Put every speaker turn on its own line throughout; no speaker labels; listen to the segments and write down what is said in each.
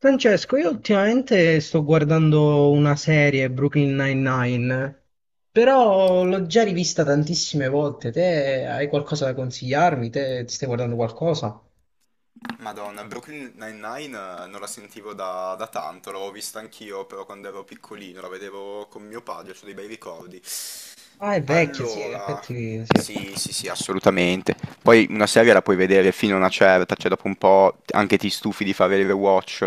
Francesco, io ultimamente sto guardando una serie, Brooklyn Nine-Nine, però l'ho già rivista tantissime volte. Te hai qualcosa da consigliarmi? Te ti stai guardando qualcosa?
Madonna, Brooklyn Nine-Nine non la sentivo da tanto, l'avevo vista anch'io però quando ero piccolino, la vedevo con mio padre, ho dei bei ricordi.
Ah, è vecchia, sì, in
Allora,
effetti sì.
sì, sì, sì, assolutamente. Poi una serie la puoi vedere fino a una certa, cioè dopo un po' anche ti stufi di fare il rewatch.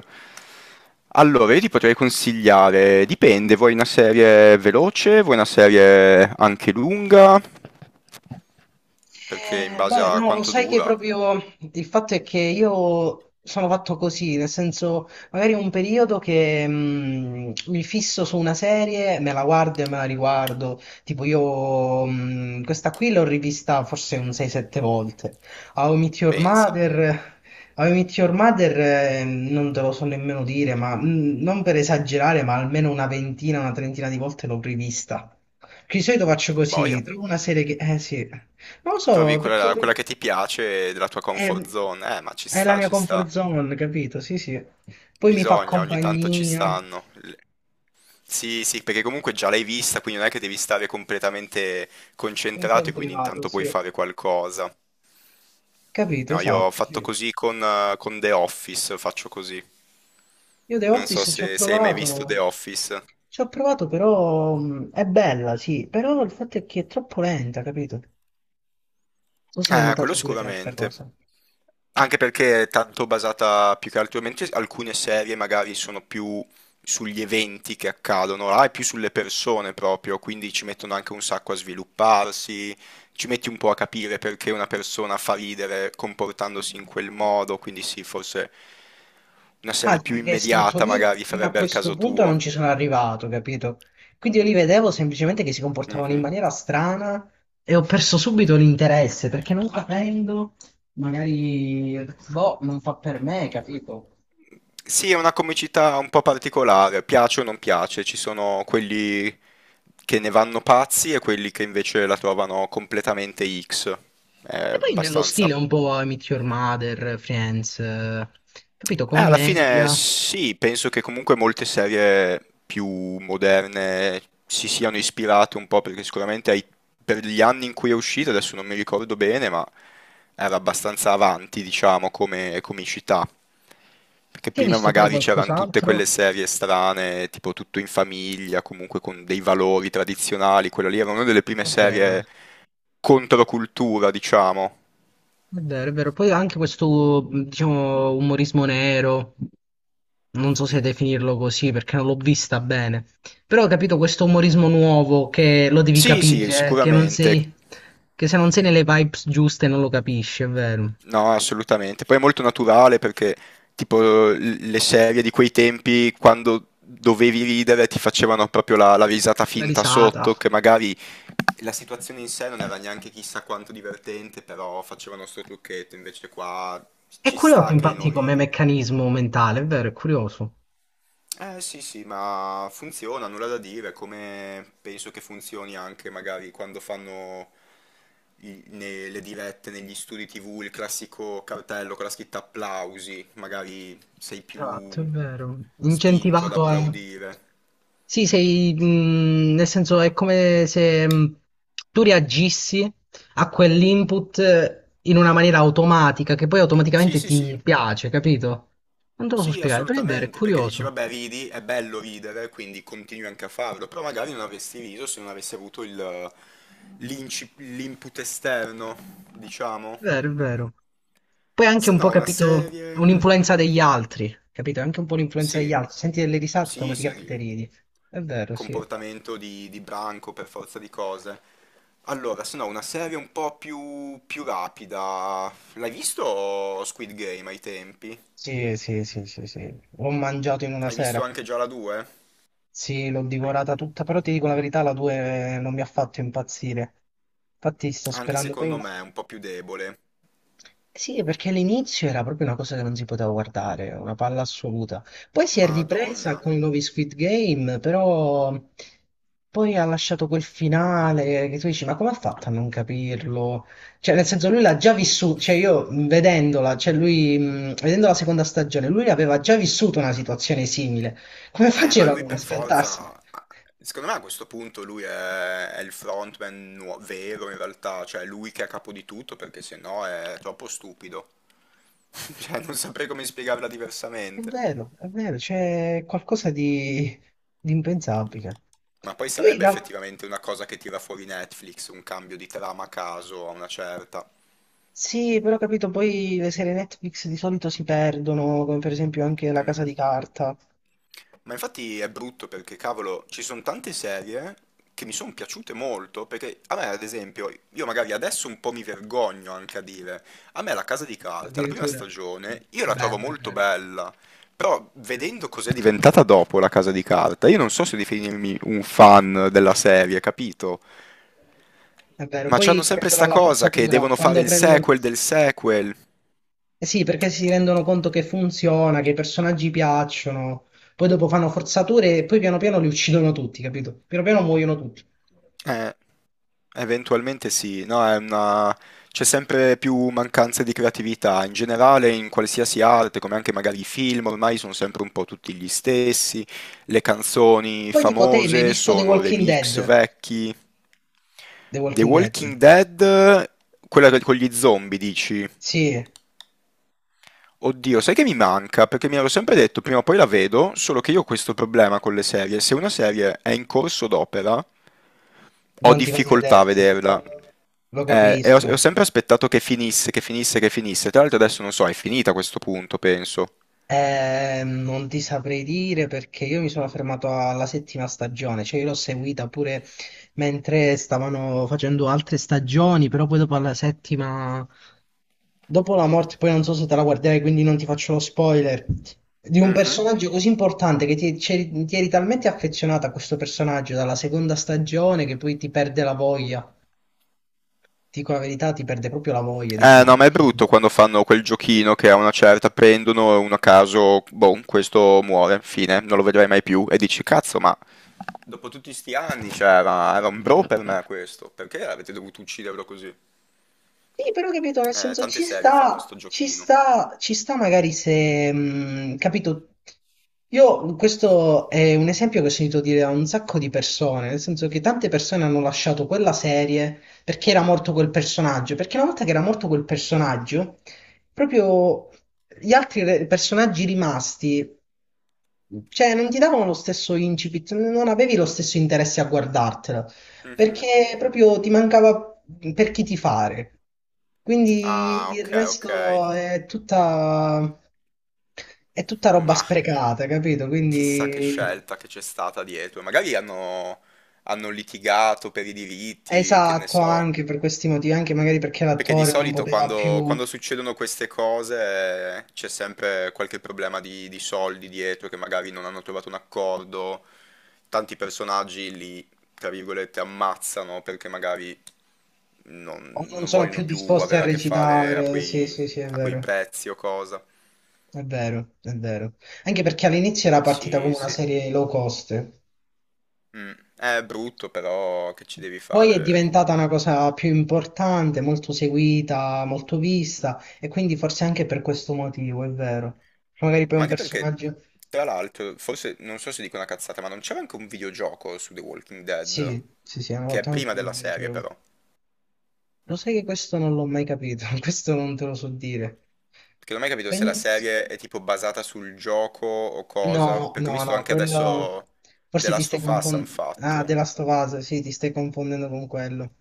Allora, io ti potrei consigliare, dipende, vuoi una serie veloce, vuoi una serie anche lunga, perché in base
Beh,
a
no, lo
quanto
sai che
dura,
proprio il fatto è che io sono fatto così, nel senso, magari un periodo che mi fisso su una serie, me la guardo e me la riguardo. Tipo io questa qui l'ho rivista forse un 6-7 volte. How I Met Your
pensa,
Mother, How I Met Your Mother, non te lo so nemmeno dire, ma non per esagerare, ma almeno una 20ina, una 30ina di volte l'ho rivista. Di solito faccio così,
boia.
trovo una serie che... Eh sì. Non lo
Trovi
so, perché
quella che ti piace della tua comfort
è,
zone. Ma ci
è la
sta,
mia
ci
comfort
sta.
zone, capito? Sì, sì. Poi mi fa
Bisogna, ogni tanto ci
compagnia,
stanno. Sì, sì, perché comunque già l'hai vista, quindi non è che devi stare completamente
anche
concentrato
in
e quindi
privato,
intanto puoi
sì.
fare qualcosa.
Capito,
No, io ho
esatto, sì.
fatto così con The Office, faccio così.
Io The
Non so
Office
se, se hai mai visto The Office.
ci ho provato però è bella, sì, però il fatto è che è troppo lenta, capito? Tu se l'hai
Quello
notata pure te sta
sicuramente.
cosa.
Anche perché è tanto basata più che altro, mentre alcune serie magari sono più sugli eventi che accadono, là è più sulle persone proprio, quindi ci mettono anche un sacco a svilupparsi, ci metti un po' a capire perché una persona fa ridere comportandosi in quel modo, quindi sì, forse una
Ah,
serie più
perché è strutto.
immediata
Io
magari
fino a
farebbe al
questo
caso
punto
tuo.
non ci sono arrivato, capito? Quindi io li vedevo semplicemente che si comportavano in
Mhm.
maniera strana e ho perso subito l'interesse perché non capendo, magari, boh, non fa per me, capito?
Sì, è una comicità un po' particolare, piace o non piace, ci sono quelli che ne vanno pazzi e quelli che invece la trovano completamente X. È
E poi nello stile
abbastanza.
un po' I Meet Your Mother, Friends, capito?
Alla fine
Commedia.
sì, penso che comunque molte serie più moderne si siano ispirate un po' perché sicuramente per gli anni in cui è uscita, adesso non mi ricordo bene, ma era abbastanza avanti, diciamo, come comicità. Perché
Hai
prima
visto pure
magari c'erano tutte
qualcos'altro?
quelle serie strane, tipo Tutto in famiglia, comunque con dei valori tradizionali, quella lì era una delle prime
È vero.
serie controcultura, diciamo.
È vero, è vero. Poi anche questo, diciamo, umorismo nero, non so se definirlo così perché non l'ho vista bene, però ho capito questo umorismo nuovo che lo devi
Sì, sì,
capire, che non
sicuramente.
sei, che se non sei nelle vibes giuste non lo capisci, è vero.
No, assolutamente. Poi è molto naturale perché tipo le serie di quei tempi quando dovevi ridere ti facevano proprio la risata
La
finta
risata.
sotto, che magari la situazione in sé non era neanche chissà quanto divertente, però facevano sto trucchetto, invece qua
È
ci
curioso
sta che non
infatti come
ridi.
meccanismo mentale, è vero, è curioso.
Eh sì sì, ma funziona, nulla da dire, come penso che funzioni anche magari quando fanno nelle dirette, negli studi TV, il classico cartello con la scritta applausi, magari sei
Esatto, è
più
vero.
spinto ad
Incentivato a...
applaudire.
Sì, sei, nel senso è come se tu reagissi a quell'input in una maniera automatica che poi
Sì
automaticamente
sì sì,
ti piace, capito? Non te lo so
sì
spiegare, però è vero, è
assolutamente, perché dici
curioso.
vabbè ridi, è bello ridere, quindi continui anche a farlo, però magari non avresti riso se non avessi avuto l'input esterno,
È
diciamo.
vero, è vero. Poi è anche
Se
un po',
no, una
capito,
serie...
un'influenza degli altri, capito? È anche un po' l'influenza degli
sì,
altri. Senti delle risate,
sì, sì,
automaticamente ridi. È vero, sì.
comportamento di branco per forza di cose. Allora, se no, una serie un po' più, più rapida. L'hai visto Squid Game ai tempi?
Sì, sì, sì, sì, sì. L'ho mangiato in una
Hai visto
sera.
anche già la 2?
Sì, l'ho divorata tutta, però ti dico la verità, la 2 non mi ha fatto impazzire. Infatti sto
Anche
sperando
secondo me è un po' più debole.
Sì, perché all'inizio era proprio una cosa che non si poteva guardare, una palla assoluta. Poi si è ripresa
Madonna.
con i nuovi Squid Game, però poi ha lasciato quel finale che tu dici, ma come ha fatto a non capirlo? Cioè, nel senso, lui l'ha già vissuto, cioè io vedendola, cioè lui, vedendo la seconda stagione, lui aveva già vissuto una situazione simile. Come
Ma
faceva a
lui
non
per
aspettarsi?
forza... Secondo me a questo punto lui è il frontman vero in realtà, cioè è lui che è a capo di tutto perché se no è troppo stupido. Cioè, non saprei come spiegarla diversamente.
È vero, c'è qualcosa di impensabile.
Ma poi
Poi
sarebbe
la-
effettivamente una cosa che tira fuori Netflix, un cambio di trama a caso a una certa.
Sì, però ho capito, poi le serie Netflix di solito si perdono, come per esempio anche La
Mm.
Casa di Carta.
Ma infatti è brutto perché, cavolo, ci sono tante serie che mi sono piaciute molto, perché a me, ad esempio, io magari adesso un po' mi vergogno anche a dire, a me La Casa di Carta, la prima
Addirittura.
stagione, io la trovo
Bello, è
molto
vero.
bella, però
È vero,
vedendo cos'è diventata dopo La Casa di Carta, io non so se definirmi un fan della serie, capito?
è vero.
Ma c'hanno
Poi
sempre
tendono
sta
alla
cosa che
forzatura,
devono fare
quando
il
prendono...
sequel del sequel.
Eh sì, perché si rendono conto che funziona, che i personaggi piacciono, poi dopo fanno forzature e poi piano piano li uccidono tutti, capito? Piano piano muoiono tutti.
Eh, eventualmente sì, no, è una... c'è sempre più mancanza di creatività. In generale, in qualsiasi arte, come anche magari i film, ormai sono sempre un po' tutti gli stessi. Le canzoni
Poi tipo te, ma hai
famose
visto The
sono
Walking
remix
Dead?
vecchi.
The
The
Walking Dead.
Walking Dead, quella con gli zombie, dici?
Sì,
Oddio, sai che mi manca? Perché mi ero sempre detto prima o poi la vedo, solo che io ho questo problema con le serie. Se una serie è in corso d'opera, ho
non ti va di
difficoltà a
vederti,
vederla.
lo
E ho
capisco.
sempre aspettato che finisse, che finisse, che finisse. Tra l'altro adesso non so, è finita a questo punto, penso.
Non ti saprei dire perché io mi sono fermato alla settima stagione, cioè io l'ho seguita pure mentre stavano facendo altre stagioni, però poi dopo alla settima, dopo la morte, poi non so se te la guarderai, quindi non ti faccio lo spoiler, di un
Mhm.
personaggio così importante che ti eri talmente affezionata a questo personaggio dalla seconda stagione che poi ti perde la voglia. Ti dico la verità, ti perde proprio la voglia, dici
Eh
no.
no, ma è brutto quando fanno quel giochino che a una certa prendono uno a caso, boh, questo muore, fine, non lo vedrai mai più, e dici, cazzo, ma... Dopo tutti sti anni, cioè, era, era un bro per me questo. Perché avete dovuto ucciderlo così?
Sì, però capito, nel senso
Tante
ci
serie fanno sto
sta, ci
giochino.
sta, ci sta magari se, capito, io questo è un esempio che ho sentito dire da un sacco di persone, nel senso che tante persone hanno lasciato quella serie perché era morto quel personaggio, perché una volta che era morto quel personaggio, proprio gli altri personaggi rimasti. Cioè, non ti davano lo stesso incipit, non avevi lo stesso interesse a guardartela,
Mhm.
perché proprio ti mancava per chi tifare.
Ah,
Quindi il
ok, ok.
resto è è tutta roba
Ma
sprecata, capito?
chissà che
Quindi
scelta che c'è stata dietro. Magari hanno litigato per i diritti, che ne
esatto,
so.
anche per questi motivi, anche magari perché
Perché di
l'attore non
solito
poteva
quando,
più,
quando succedono queste cose c'è sempre qualche problema di soldi dietro che magari non hanno trovato un accordo, tanti personaggi li, tra virgolette, ammazzano perché magari
o
non,
non
non
sono più
vogliono più
disposti a
avere a che fare a
recitare. Sì,
quei,
sì, sì, è
a quei
vero,
prezzi o cosa.
è vero, è vero. Anche perché all'inizio era partita
Sì,
come una
sì.
serie low cost.
Mm. È brutto, però che ci devi
Poi è
fare?
diventata una cosa più importante, molto seguita, molto vista, e quindi forse anche per questo motivo, è vero. Magari poi
Ma
un
anche perché,
personaggio.
tra l'altro, forse non so se dico una cazzata, ma non c'era anche un videogioco su The Walking Dead?
Sì, sì, sì, hanno
Che è
fatto anche
prima
un
della serie,
videogioco.
però.
Lo sai che questo non l'ho mai capito, questo non te lo so dire.
Perché non ho mai capito se la
Penso...
serie è tipo basata sul gioco o cosa.
No,
Perché ho
no,
visto
no,
anche
quello...
adesso The
Forse ti
Last
stai
of Us hanno
confondendo... Ah,
fatto.
The Last of Us, sì, ti stai confondendo con quello.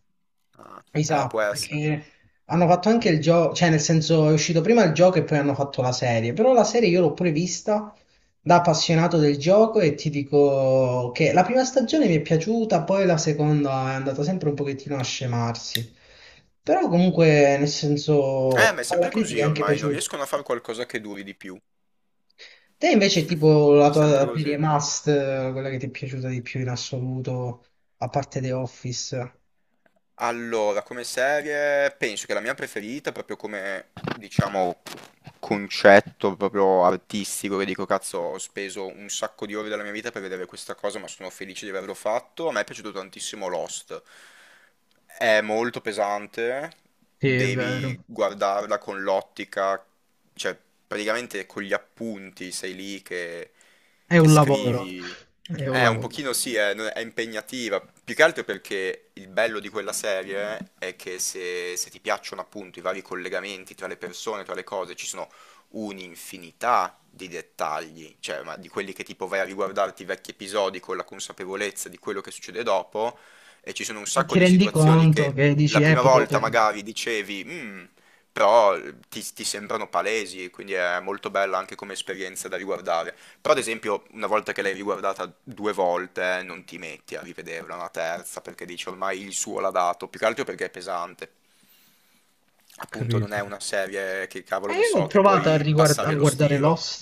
Ah, può
Esatto,
essere.
perché hanno fatto anche il gioco, cioè nel senso è uscito prima il gioco e poi hanno fatto la serie, però la serie io l'ho pure vista da appassionato del gioco e ti dico che la prima stagione mi è piaciuta, poi la seconda è andata sempre un pochettino a scemarsi, però comunque nel
Ma è
senso alla
sempre così
critica è anche
ormai, non
piaciuto.
riescono a fare qualcosa che duri di più.
Te invece tipo la
Sempre
tua serie
così.
Must, quella che ti è piaciuta di più in assoluto, a parte The Office?
Allora, come serie, penso che la mia preferita, proprio come, diciamo, concetto proprio artistico, che dico, cazzo, ho speso un sacco di ore della mia vita per vedere questa cosa, ma sono felice di averlo fatto. A me è piaciuto tantissimo Lost. È molto pesante,
Sì, è vero.
devi guardarla con l'ottica, cioè, praticamente con gli appunti sei lì che
È
che
un lavoro.
scrivi.
È un
Un
lavoro.
pochino sì, è impegnativa, più che altro perché il bello di quella serie è che se, se ti piacciono appunto i vari collegamenti tra le persone, tra le cose, ci sono un'infinità di dettagli, cioè ma di quelli che tipo vai a riguardarti i vecchi episodi con la consapevolezza di quello che succede dopo, e ci sono un
E ti
sacco di
rendi
situazioni
conto
che
che dici,
la prima
potevo
volta
pensare.
magari dicevi, "Mm", però ti sembrano palesi, quindi è molto bella anche come esperienza da riguardare. Però ad esempio una volta che l'hai riguardata due volte non ti metti a rivederla una terza perché dici ormai il suo l'ha dato, più che altro perché è pesante.
Ho
Appunto non
capito.
è una serie che
E
cavolo ne
io ho
so che
provato a,
puoi
a
passare lo
guardare
stiro.
Lost,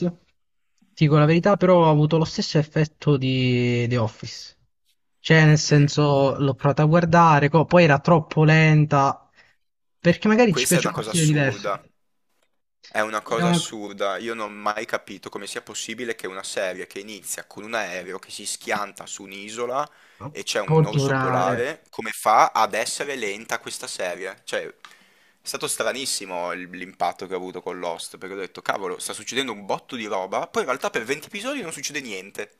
ti dico la verità, però ho avuto lo stesso effetto di The Office. Cioè, nel
Mm.
senso, l'ho provata a guardare, poi era troppo lenta, perché magari ci
Questa è
piace
una
uno
cosa
stile diverso.
assurda. È una
Era
cosa
una-
assurda, io non ho mai capito come sia possibile che una serie che inizia con un aereo che si schianta su un'isola e c'è
Può
un orso
durare.
polare, come fa ad essere lenta questa serie? Cioè, è stato stranissimo l'impatto che ho avuto con Lost, perché ho detto, cavolo, sta succedendo un botto di roba, poi in realtà per 20 episodi non succede niente.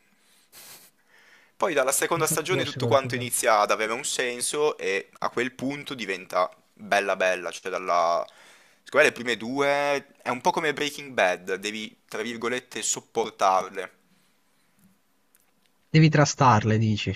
Poi dalla seconda
Infatti
stagione
forse
tutto
quello è
quanto
quello il problema.
inizia ad avere un senso e a quel punto diventa bella bella, cioè dalla... Secondo me le prime due è un po' come Breaking Bad, devi, tra virgolette, sopportarle.
Devi trastarle, dici.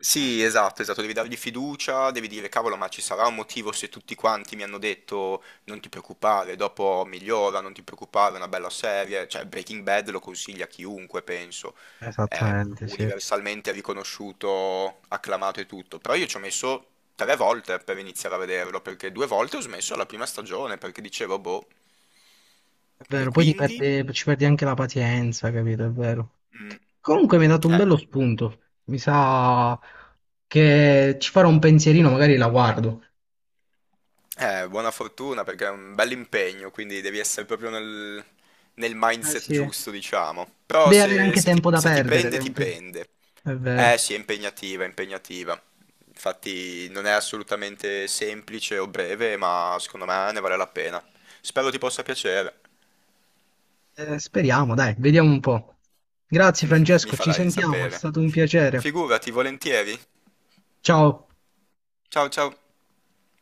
Sì, esatto, esatto, devi dargli fiducia, devi dire cavolo, ma ci sarà un motivo se tutti quanti mi hanno detto non ti preoccupare, dopo migliora, non ti preoccupare, è una bella serie, cioè Breaking Bad lo consiglia a chiunque, penso, è
Esattamente, sì.
universalmente riconosciuto, acclamato e tutto, però io ci ho messo tre volte per iniziare a vederlo, perché due volte ho smesso alla prima stagione, perché dicevo, boh,
È
e
vero,
quindi...
ci perdi anche la pazienza, capito? È vero.
mm,
Comunque mi hai dato un
eh.
bello spunto. Mi sa che ci farò un pensierino, magari la guardo.
Buona fortuna perché è un bel impegno, quindi devi essere proprio nel
Eh
mindset
sì.
giusto, diciamo. Però
Devi avere
se,
anche
se ti,
tempo da
se ti
perdere,
prende, ti prende.
È vero.
Eh sì, è impegnativa, è impegnativa. Infatti non è assolutamente semplice o breve, ma secondo me ne vale la pena. Spero ti possa piacere.
Speriamo, dai, vediamo un po'. Grazie
Mi
Francesco, ci
farai
sentiamo, è stato
sapere.
un piacere.
Figurati, volentieri.
Ciao.
Ciao ciao.